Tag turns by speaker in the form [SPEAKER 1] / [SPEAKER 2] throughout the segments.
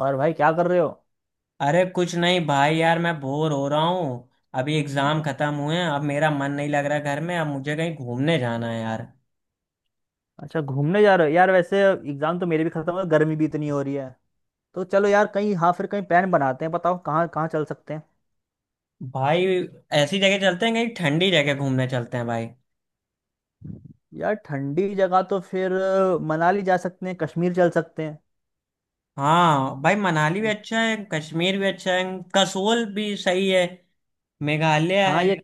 [SPEAKER 1] और भाई क्या कर रहे हो?
[SPEAKER 2] अरे कुछ नहीं भाई, यार मैं बोर हो रहा हूँ। अभी
[SPEAKER 1] हम्म।
[SPEAKER 2] एग्जाम खत्म हुए हैं, अब मेरा मन नहीं लग रहा घर में। अब मुझे कहीं घूमने जाना है यार।
[SPEAKER 1] अच्छा, घूमने जा रहे हो यार वैसे। एग्जाम तो मेरे भी खत्म हो गए, गर्मी भी इतनी हो रही है। तो चलो यार कहीं, हाँ, फिर कहीं प्लान बनाते हैं, बताओ कहाँ कहाँ चल सकते हैं।
[SPEAKER 2] भाई, ऐसी जगह चलते हैं, कहीं ठंडी जगह घूमने चलते हैं भाई।
[SPEAKER 1] यार ठंडी जगह तो फिर मनाली जा सकते हैं, कश्मीर चल सकते हैं।
[SPEAKER 2] हाँ भाई, मनाली भी
[SPEAKER 1] हाँ।
[SPEAKER 2] अच्छा है, कश्मीर भी अच्छा है। कसोल भी सही है। मेघालय
[SPEAKER 1] हाँ,
[SPEAKER 2] है।
[SPEAKER 1] ये।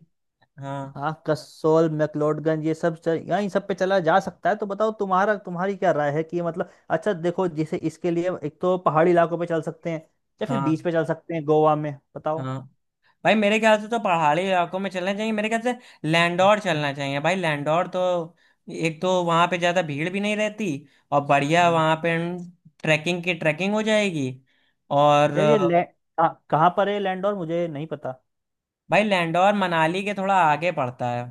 [SPEAKER 2] हाँ।
[SPEAKER 1] हाँ, कसोल मैक्लोडगंज ये सब यहाँ इन सब पे चला जा सकता है। तो बताओ तुम्हारा तुम्हारी क्या राय है कि मतलब अच्छा देखो, जैसे इसके लिए एक तो पहाड़ी इलाकों पे चल सकते हैं, या फिर बीच
[SPEAKER 2] हाँ।
[SPEAKER 1] पे चल सकते हैं गोवा में।
[SPEAKER 2] हाँ भाई, मेरे ख्याल से तो पहाड़ी इलाकों में चलना चाहिए मेरे ख्याल से। लैंडौर
[SPEAKER 1] बताओ।
[SPEAKER 2] चलना चाहिए भाई, लैंडौर तो एक तो वहाँ पे ज़्यादा भीड़ भी नहीं रहती, और बढ़िया वहाँ पे ट्रैकिंग हो जाएगी। और
[SPEAKER 1] यार ये
[SPEAKER 2] अ,
[SPEAKER 1] ले, कहाँ कहाँ पर है लैंडोर, मुझे नहीं पता।
[SPEAKER 2] भाई लैंडौर मनाली के थोड़ा आगे पड़ता है।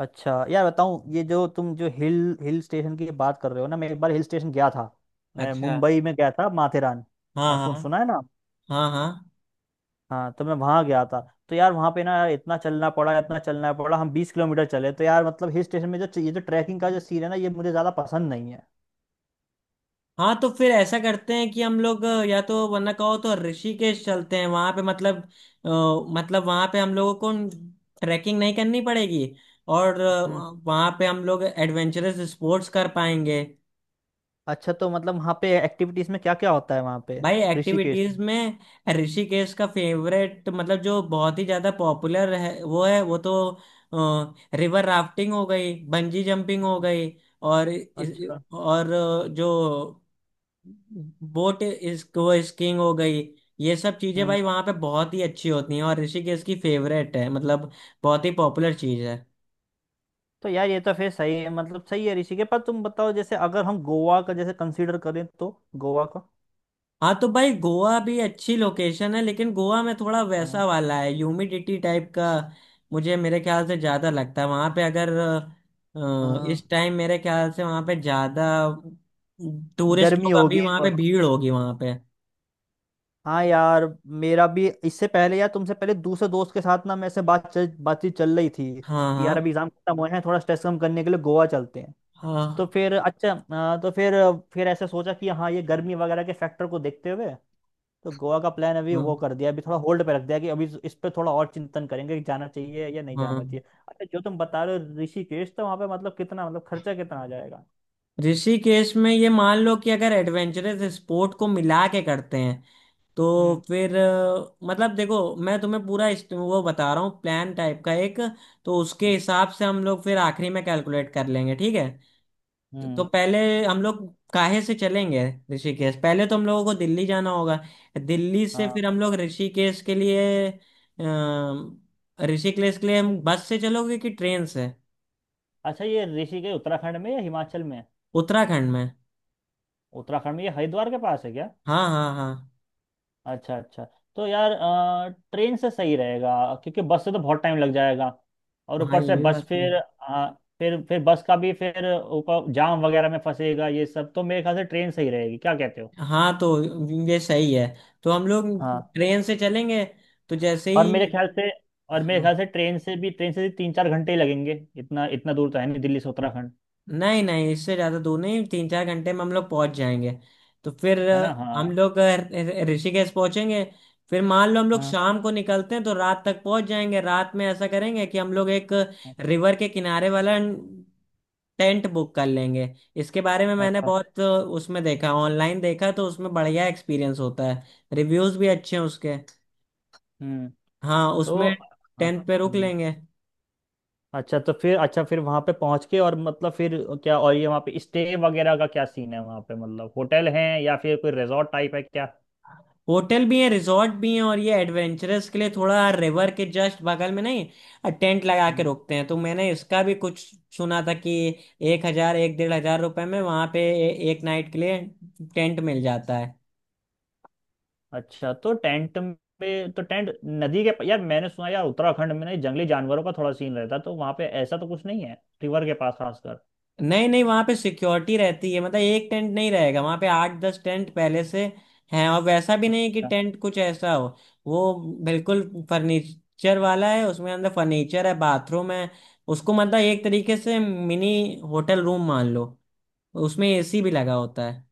[SPEAKER 1] अच्छा यार बताऊँ, ये जो तुम जो हिल हिल स्टेशन की बात कर रहे हो ना, मैं एक बार हिल स्टेशन गया था। मैं
[SPEAKER 2] अच्छा।
[SPEAKER 1] मुंबई में गया था, माथेरान।
[SPEAKER 2] हाँ
[SPEAKER 1] हाँ,
[SPEAKER 2] हाँ।
[SPEAKER 1] सुना है ना।
[SPEAKER 2] हाँ। हाँ।
[SPEAKER 1] हाँ, तो मैं वहाँ गया था। तो यार वहाँ पे ना, यार इतना चलना पड़ा, इतना चलना पड़ा, हम 20 किलोमीटर चले, तो यार मतलब हिल स्टेशन में जो ये जो ट्रैकिंग का जो सीन है ना, ये मुझे ज़्यादा पसंद नहीं है।
[SPEAKER 2] हाँ तो फिर ऐसा करते हैं कि हम लोग या तो वरना कहो तो ऋषिकेश चलते हैं, वहां पे मतलब अ, मतलब वहां पे हम लोगों को ट्रैकिंग नहीं करनी पड़ेगी, और
[SPEAKER 1] हम्म।
[SPEAKER 2] वहां पे हम लोग एडवेंचरस स्पोर्ट्स कर पाएंगे।
[SPEAKER 1] अच्छा तो मतलब वहाँ पे एक्टिविटीज़ में क्या क्या होता है वहाँ पे,
[SPEAKER 2] भाई
[SPEAKER 1] ऋषिकेश
[SPEAKER 2] एक्टिविटीज
[SPEAKER 1] में?
[SPEAKER 2] में ऋषिकेश का फेवरेट मतलब जो बहुत ही ज्यादा पॉपुलर है वो है, वो तो रिवर राफ्टिंग हो गई, बंजी जंपिंग हो गई, और
[SPEAKER 1] अच्छा।
[SPEAKER 2] जो बोट इसको स्कीइंग हो गई। ये सब चीजें
[SPEAKER 1] हम्म।
[SPEAKER 2] भाई वहां पे बहुत ही अच्छी होती हैं, और ऋषिकेश की फेवरेट है मतलब, बहुत ही पॉपुलर चीज है।
[SPEAKER 1] तो यार ये तो फिर सही है, मतलब सही है ऋषिकेश, पर तुम बताओ, जैसे अगर हम गोवा का जैसे कंसीडर करें तो, गोवा का।
[SPEAKER 2] हाँ तो भाई गोवा भी अच्छी लोकेशन है, लेकिन गोवा में थोड़ा
[SPEAKER 1] हाँ।
[SPEAKER 2] वैसा वाला है, ह्यूमिडिटी टाइप का। मुझे मेरे ख्याल से ज्यादा लगता है वहां पे, अगर
[SPEAKER 1] हाँ,
[SPEAKER 2] इस टाइम मेरे ख्याल से वहां पे ज्यादा टूरिस्ट
[SPEAKER 1] गर्मी
[SPEAKER 2] लोग
[SPEAKER 1] होगी
[SPEAKER 2] अभी वहां पे
[SPEAKER 1] और।
[SPEAKER 2] भीड़ होगी वहां पे।
[SPEAKER 1] हाँ यार मेरा भी, इससे पहले यार तुमसे पहले दूसरे दोस्त के साथ ना, मैं ऐसे बातचीत चल रही थी
[SPEAKER 2] हाँ
[SPEAKER 1] कि
[SPEAKER 2] हाँ।
[SPEAKER 1] यार अभी एग्जाम खत्म हुए हैं, थोड़ा स्ट्रेस कम करने के लिए गोवा चलते हैं। तो
[SPEAKER 2] हाँ।
[SPEAKER 1] फिर अच्छा, हाँ, तो फिर ऐसे सोचा कि हाँ, ये गर्मी वगैरह के फैक्टर को देखते हुए तो गोवा का प्लान अभी
[SPEAKER 2] हाँ।
[SPEAKER 1] वो कर दिया, अभी थोड़ा होल्ड पे रख दिया कि अभी इस पे थोड़ा और चिंतन करेंगे कि जाना चाहिए या नहीं जाना
[SPEAKER 2] हाँ
[SPEAKER 1] चाहिए। अच्छा, जो तुम बता रहे हो ऋषिकेश, तो वहाँ पे मतलब कितना, मतलब खर्चा कितना आ जाएगा?
[SPEAKER 2] ऋषिकेश में ये मान लो कि अगर एडवेंचरस स्पोर्ट को मिला के करते हैं, तो
[SPEAKER 1] हम्म।
[SPEAKER 2] फिर मतलब देखो मैं तुम्हें पूरा वो बता रहा हूँ, प्लान टाइप का एक, तो उसके
[SPEAKER 1] हम्म।
[SPEAKER 2] हिसाब से हम लोग फिर आखिरी में कैलकुलेट कर लेंगे, ठीक है। तो
[SPEAKER 1] हम्म।
[SPEAKER 2] पहले हम लोग काहे से चलेंगे। ऋषिकेश, पहले तो हम लोगों को दिल्ली जाना होगा। दिल्ली से
[SPEAKER 1] हाँ।
[SPEAKER 2] फिर हम लोग ऋषिकेश के लिए ऋषिकेश के लिए हम बस से चलोगे कि ट्रेन से।
[SPEAKER 1] अच्छा, ये ऋषिकेश उत्तराखंड में या हिमाचल में है?
[SPEAKER 2] उत्तराखंड में।
[SPEAKER 1] उत्तराखंड में ये हरिद्वार के पास है क्या?
[SPEAKER 2] हाँ हाँ हाँ।
[SPEAKER 1] अच्छा अच्छा। तो यार ट्रेन से सही रहेगा, क्योंकि बस से तो बहुत टाइम लग जाएगा, और
[SPEAKER 2] हाँ
[SPEAKER 1] ऊपर
[SPEAKER 2] ये
[SPEAKER 1] से
[SPEAKER 2] भी
[SPEAKER 1] बस
[SPEAKER 2] बस में।
[SPEAKER 1] फिर आ, फिर बस का भी फिर ऊपर जाम वगैरह में फंसेगा, ये सब, तो मेरे ख्याल से ट्रेन सही रहेगी। क्या कहते
[SPEAKER 2] हाँ तो ये सही है, तो हम लोग
[SPEAKER 1] हो?
[SPEAKER 2] ट्रेन से चलेंगे। तो जैसे
[SPEAKER 1] और मेरे
[SPEAKER 2] ही,
[SPEAKER 1] ख्याल से और मेरे ख्याल
[SPEAKER 2] हाँ,
[SPEAKER 1] से ट्रेन से भी 3 4 घंटे ही लगेंगे, इतना इतना दूर तो है नहीं दिल्ली से उत्तराखंड।
[SPEAKER 2] नहीं नहीं इससे ज़्यादा दूर नहीं, 3-4 घंटे में हम लोग पहुँच जाएंगे। तो फिर
[SPEAKER 1] है ना, हाँ
[SPEAKER 2] हम लोग ऋषिकेश पहुँचेंगे। फिर मान लो हम लोग
[SPEAKER 1] हाँ
[SPEAKER 2] शाम को निकलते हैं तो रात तक पहुँच जाएंगे। रात में ऐसा करेंगे कि हम लोग एक
[SPEAKER 1] हाँ।
[SPEAKER 2] रिवर के किनारे वाला टेंट बुक कर लेंगे। इसके बारे में मैंने
[SPEAKER 1] अच्छा।
[SPEAKER 2] बहुत उसमें देखा, ऑनलाइन देखा, तो उसमें बढ़िया एक्सपीरियंस होता है, रिव्यूज़ भी अच्छे हैं उसके।
[SPEAKER 1] हम्म।
[SPEAKER 2] हाँ
[SPEAKER 1] तो।
[SPEAKER 2] उसमें
[SPEAKER 1] हाँ।
[SPEAKER 2] टेंट पे रुक
[SPEAKER 1] हम्म।
[SPEAKER 2] लेंगे।
[SPEAKER 1] अच्छा तो फिर, अच्छा फिर वहाँ पे पहुँच के और मतलब फिर क्या, और ये वहाँ पे स्टे वगैरह का क्या सीन है वहाँ पे, मतलब होटल है या फिर कोई रिजॉर्ट टाइप है क्या?
[SPEAKER 2] होटल भी है, रिजॉर्ट भी है, और ये एडवेंचरस के लिए थोड़ा रिवर के जस्ट बगल में, नहीं टेंट लगा के
[SPEAKER 1] हम्म।
[SPEAKER 2] रुकते हैं, तो मैंने इसका भी कुछ सुना था कि एक हजार एक डेढ़ हजार रुपए में वहां पे एक नाइट के लिए टेंट मिल जाता है।
[SPEAKER 1] अच्छा, तो टेंट पे, तो टेंट नदी के यार मैंने सुना यार, उत्तराखंड में ना ये जंगली जानवरों का थोड़ा सीन रहता, तो वहाँ पे ऐसा तो कुछ नहीं है रिवर के पास,
[SPEAKER 2] नहीं नहीं वहां पे सिक्योरिटी रहती है, मतलब एक टेंट नहीं रहेगा वहां पे, आठ दस टेंट पहले से हैं। और वैसा भी नहीं कि
[SPEAKER 1] खासकर?
[SPEAKER 2] टेंट कुछ ऐसा हो, वो बिल्कुल फर्नीचर वाला है, उसमें अंदर फर्नीचर है, बाथरूम है। उसको मतलब एक तरीके से मिनी होटल रूम मान लो। उसमें एसी भी लगा होता है।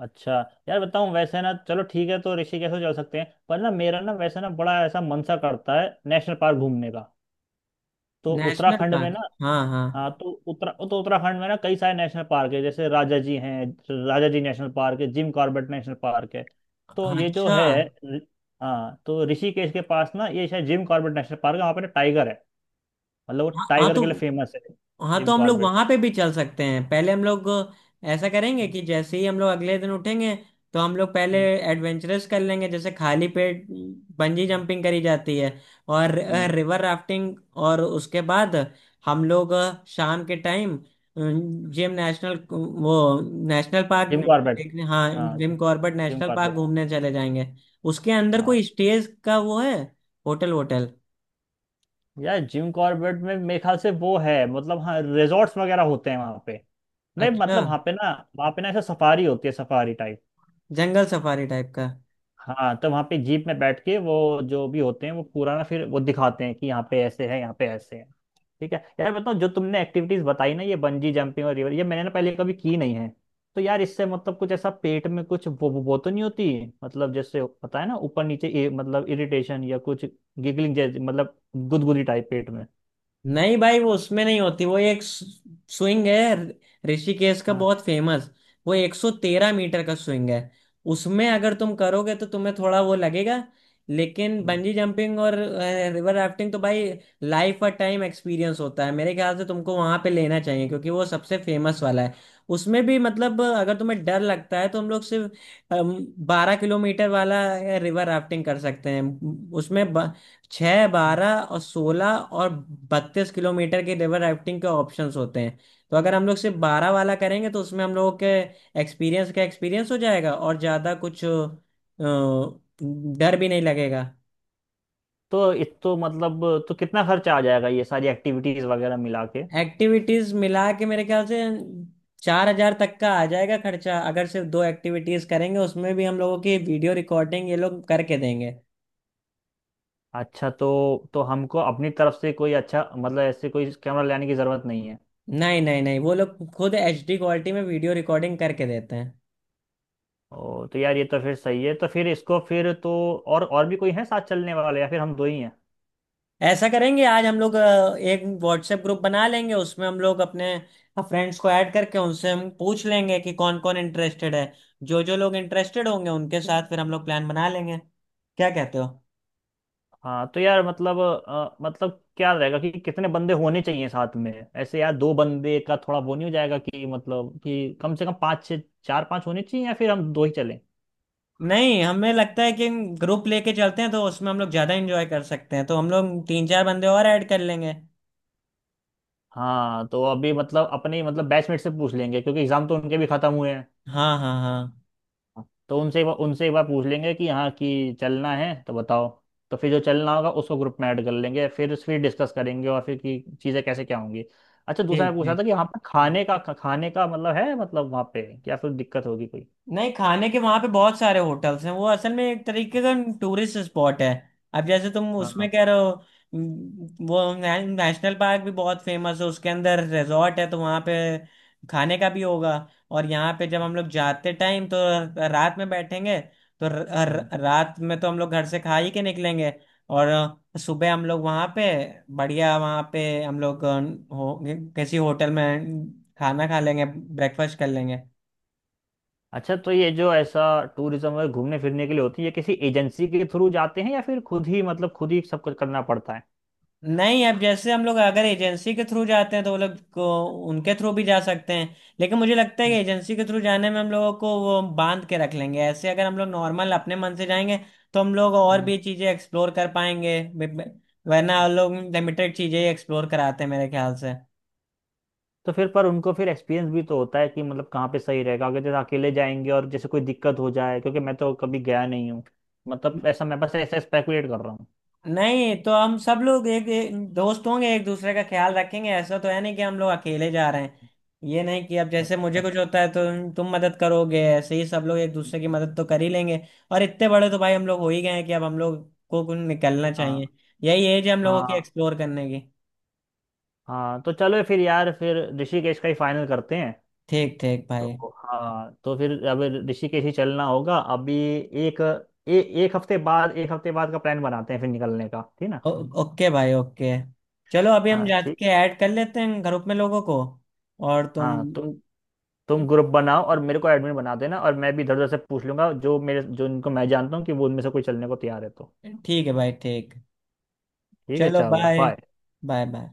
[SPEAKER 1] अच्छा यार बताऊँ वैसे ना, चलो ठीक है, तो ऋषिकेश तो चल सकते हैं, पर ना मेरा ना वैसे ना बड़ा ऐसा मन सा करता है नेशनल पार्क घूमने का, तो
[SPEAKER 2] नेशनल
[SPEAKER 1] उत्तराखंड में
[SPEAKER 2] पार्क,
[SPEAKER 1] ना।
[SPEAKER 2] हाँ हाँ।
[SPEAKER 1] हाँ तो उत्तराखंड में ना कई सारे नेशनल पार्क है, जैसे राजा जी हैं, राजा जी नेशनल पार्क है, जिम कॉर्बेट नेशनल पार्क है। तो ये जो
[SPEAKER 2] अच्छा।
[SPEAKER 1] है, रि- हाँ, तो ऋषिकेश के पास ना ये शायद जिम कॉर्बेट नेशनल पार्क है, वहाँ पे ना टाइगर है, मतलब वो
[SPEAKER 2] हाँ
[SPEAKER 1] टाइगर के लिए फेमस है।
[SPEAKER 2] हाँ
[SPEAKER 1] जिम
[SPEAKER 2] तो हम लोग
[SPEAKER 1] कॉर्बेट।
[SPEAKER 2] वहां पे भी चल सकते हैं। पहले हम लोग ऐसा करेंगे
[SPEAKER 1] हम्म।
[SPEAKER 2] कि जैसे ही हम लोग अगले दिन उठेंगे, तो हम लोग पहले
[SPEAKER 1] हम्म।
[SPEAKER 2] एडवेंचरस कर लेंगे, जैसे खाली पेट बंजी जंपिंग करी जाती है, और
[SPEAKER 1] हम्म।
[SPEAKER 2] River rafting. और उसके बाद हम लोग शाम के टाइम जिम नेशनल वो, नेशनल पार्क
[SPEAKER 1] जिम कॉर्बेट।
[SPEAKER 2] देखने, हाँ
[SPEAKER 1] हाँ।
[SPEAKER 2] Jim Corbett
[SPEAKER 1] Jim
[SPEAKER 2] national park
[SPEAKER 1] Corbett.
[SPEAKER 2] घूमने चले जाएंगे। उसके अंदर
[SPEAKER 1] हाँ।
[SPEAKER 2] कोई स्टेज का वो है, होटल होटल।
[SPEAKER 1] यार जिम कॉर्बेट में मेरे ख्याल से वो है, मतलब हाँ, रिजॉर्ट्स वगैरह होते हैं वहाँ पे, नहीं
[SPEAKER 2] अच्छा।
[SPEAKER 1] मतलब वहाँ पे ना, वहाँ पे ना ऐसा सफारी होती है, सफारी टाइप।
[SPEAKER 2] जंगल सफारी टाइप का।
[SPEAKER 1] हाँ, तो वहाँ पे जीप में बैठ के वो जो भी होते हैं वो पूरा ना, फिर वो दिखाते हैं कि यहाँ पे ऐसे है, यहाँ पे ऐसे है। ठीक है यार, बताओ जो तुमने एक्टिविटीज बताई ना, ये बंजी जंपिंग और रिवर, ये मैंने ना पहले कभी की नहीं है। तो यार इससे मतलब कुछ ऐसा पेट में कुछ वो तो नहीं होती, मतलब जैसे पता है ना ऊपर नीचे, मतलब इरिटेशन या कुछ गिगलिंग जैसे, मतलब गुदगुदी टाइप पेट में?
[SPEAKER 2] नहीं भाई वो उसमें नहीं होती, वो एक स्विंग है, ऋषिकेश का
[SPEAKER 1] हाँ
[SPEAKER 2] बहुत फेमस। वो 113 मीटर का स्विंग है, उसमें अगर तुम करोगे तो तुम्हें थोड़ा वो लगेगा। लेकिन बंजी जंपिंग और रिवर राफ्टिंग तो भाई लाइफ और टाइम एक्सपीरियंस होता है, मेरे ख्याल से तुमको वहां पे लेना चाहिए, क्योंकि वो सबसे फेमस वाला है। उसमें भी मतलब अगर तुम्हें डर लगता है, तो हम लोग सिर्फ 12 किलोमीटर वाला रिवर राफ्टिंग कर सकते हैं। उसमें 6, 12 और 16 और 32 किलोमीटर के रिवर राफ्टिंग के ऑप्शंस होते हैं। तो अगर हम लोग सिर्फ 12 वाला करेंगे तो उसमें हम लोगों के एक्सपीरियंस हो जाएगा, और ज़्यादा कुछ डर भी नहीं लगेगा।
[SPEAKER 1] तो ये तो मतलब, तो कितना खर्चा आ जाएगा ये सारी एक्टिविटीज वगैरह मिला के?
[SPEAKER 2] एक्टिविटीज़ मिला के मेरे ख्याल से 4,000 तक का आ जाएगा खर्चा, अगर सिर्फ दो एक्टिविटीज़ करेंगे। उसमें भी हम लोगों की वीडियो रिकॉर्डिंग ये लोग करके देंगे।
[SPEAKER 1] अच्छा, तो हमको अपनी तरफ से कोई, अच्छा मतलब ऐसे कोई कैमरा लाने की जरूरत नहीं है?
[SPEAKER 2] नहीं नहीं नहीं वो लोग खुद एचडी क्वालिटी में वीडियो रिकॉर्डिंग करके देते हैं।
[SPEAKER 1] ओ, तो यार ये तो फिर सही है, तो फिर इसको फिर तो, और भी कोई है साथ चलने वाले, या फिर हम दो ही हैं?
[SPEAKER 2] ऐसा करेंगे, आज हम लोग एक व्हाट्सएप ग्रुप बना लेंगे, उसमें हम लोग अपने फ्रेंड्स को ऐड करके उनसे हम पूछ लेंगे कि कौन कौन इंटरेस्टेड है। जो जो लोग इंटरेस्टेड होंगे उनके साथ फिर हम लोग प्लान बना लेंगे, क्या कहते हो।
[SPEAKER 1] हाँ, तो यार मतलब मतलब क्या रहेगा कि कितने बंदे होने चाहिए साथ में, ऐसे यार दो बंदे का थोड़ा वो नहीं हो जाएगा कि, मतलब कि कम से कम पाँच छः, चार पाँच होने चाहिए, या फिर हम दो ही चलें?
[SPEAKER 2] नहीं हमें लगता है कि ग्रुप लेके चलते हैं तो उसमें हम लोग ज़्यादा एंजॉय कर सकते हैं, तो हम लोग तीन चार बंदे और ऐड कर लेंगे।
[SPEAKER 1] हाँ तो अभी मतलब अपने, मतलब बैचमेट से पूछ लेंगे क्योंकि एग्जाम तो उनके भी खत्म हुए हैं।
[SPEAKER 2] हाँ हाँ हाँ।
[SPEAKER 1] तो उनसे एक बार पूछ लेंगे कि हाँ, कि चलना है तो बताओ। तो फिर जो चलना होगा उसको ग्रुप में ऐड कर लेंगे, फिर डिस्कस करेंगे और फिर कि चीज़ें कैसे क्या होंगी। अच्छा, दूसरा
[SPEAKER 2] ठीक
[SPEAKER 1] मैं पूछ रहा
[SPEAKER 2] ठीक।
[SPEAKER 1] था कि वहाँ पर खाने का मतलब है, मतलब वहाँ पे क्या फिर दिक्कत होगी कोई?
[SPEAKER 2] नहीं खाने के वहां पे बहुत सारे होटल्स हैं, वो असल में एक तरीके का टूरिस्ट स्पॉट है। अब जैसे तुम
[SPEAKER 1] हाँ।
[SPEAKER 2] उसमें कह रहे हो, वो नेशनल पार्क भी बहुत फेमस है, उसके अंदर रिजॉर्ट है, तो वहां पे खाने का भी होगा। और यहाँ पे जब हम लोग जाते टाइम, तो रात में बैठेंगे तो र,
[SPEAKER 1] हम्म।
[SPEAKER 2] र, रात में तो हम लोग घर से खा ही के निकलेंगे। और सुबह हम लोग वहाँ पे बढ़िया, वहाँ पे हम लोग हो, किसी होटल में खाना खा लेंगे, ब्रेकफास्ट कर लेंगे।
[SPEAKER 1] अच्छा, तो ये जो ऐसा टूरिज्म में घूमने फिरने के लिए होती है, ये किसी एजेंसी के थ्रू जाते हैं या फिर खुद ही, मतलब खुद ही सब कुछ करना पड़ता है?
[SPEAKER 2] नहीं अब जैसे हम लोग अगर एजेंसी के थ्रू जाते हैं तो वो लोग को, उनके थ्रू भी जा सकते हैं, लेकिन मुझे लगता है कि
[SPEAKER 1] हम्म।
[SPEAKER 2] एजेंसी के थ्रू जाने में हम लोगों को वो बांध के रख लेंगे। ऐसे अगर हम लोग नॉर्मल अपने मन से जाएंगे तो हम लोग और
[SPEAKER 1] हम्म।
[SPEAKER 2] भी चीज़ें एक्सप्लोर कर पाएंगे, वरना हम लोग लिमिटेड चीज़ें ही एक्सप्लोर कराते हैं मेरे ख्याल से।
[SPEAKER 1] तो फिर, पर उनको फिर एक्सपीरियंस भी तो होता है कि मतलब कहाँ पे सही रहेगा, अगर जैसे अकेले जाएंगे और जैसे कोई दिक्कत हो जाए, क्योंकि मैं तो कभी गया नहीं हूँ, मतलब ऐसा, मैं बस ऐसा स्पेकुलेट कर रहा हूँ।
[SPEAKER 2] नहीं तो हम सब लोग एक, एक दोस्त होंगे, एक दूसरे का ख्याल रखेंगे। ऐसा तो है नहीं कि हम लोग अकेले जा रहे हैं। ये नहीं कि अब जैसे मुझे
[SPEAKER 1] अच्छा।
[SPEAKER 2] कुछ होता है तो तुम मदद करोगे, ऐसे ही सब लोग एक दूसरे की मदद तो कर ही लेंगे। और इतने बड़े तो भाई हम लोग हो ही गए हैं कि अब हम लोग को कुछ निकलना
[SPEAKER 1] हाँ
[SPEAKER 2] चाहिए। यही एज है हम लोगों की
[SPEAKER 1] हाँ
[SPEAKER 2] एक्सप्लोर करने की।
[SPEAKER 1] हाँ, तो चलो फिर यार, फिर ऋषिकेश का ही फाइनल करते हैं।
[SPEAKER 2] ठीक ठीक भाई।
[SPEAKER 1] तो हाँ, तो फिर अब ऋषिकेश ही चलना होगा अभी। एक ए, एक हफ्ते बाद का प्लान बनाते हैं फिर निकलने का, ठीक ना?
[SPEAKER 2] ओ, ओके भाई ओके। चलो, अभी हम
[SPEAKER 1] हाँ ठीक।
[SPEAKER 2] जाके ऐड कर लेते हैं ग्रुप में लोगों को। और तुम,
[SPEAKER 1] हाँ तो तुम ग्रुप बनाओ और मेरे को एडमिन बना देना, और मैं भी इधर उधर से पूछ लूंगा, जो इनको मैं जानता हूँ कि वो, उनमें से कोई चलने को तैयार है तो।
[SPEAKER 2] ठीक है भाई ठीक।
[SPEAKER 1] ठीक है,
[SPEAKER 2] चलो
[SPEAKER 1] चलो
[SPEAKER 2] बाय।
[SPEAKER 1] बाय।
[SPEAKER 2] Bye bye.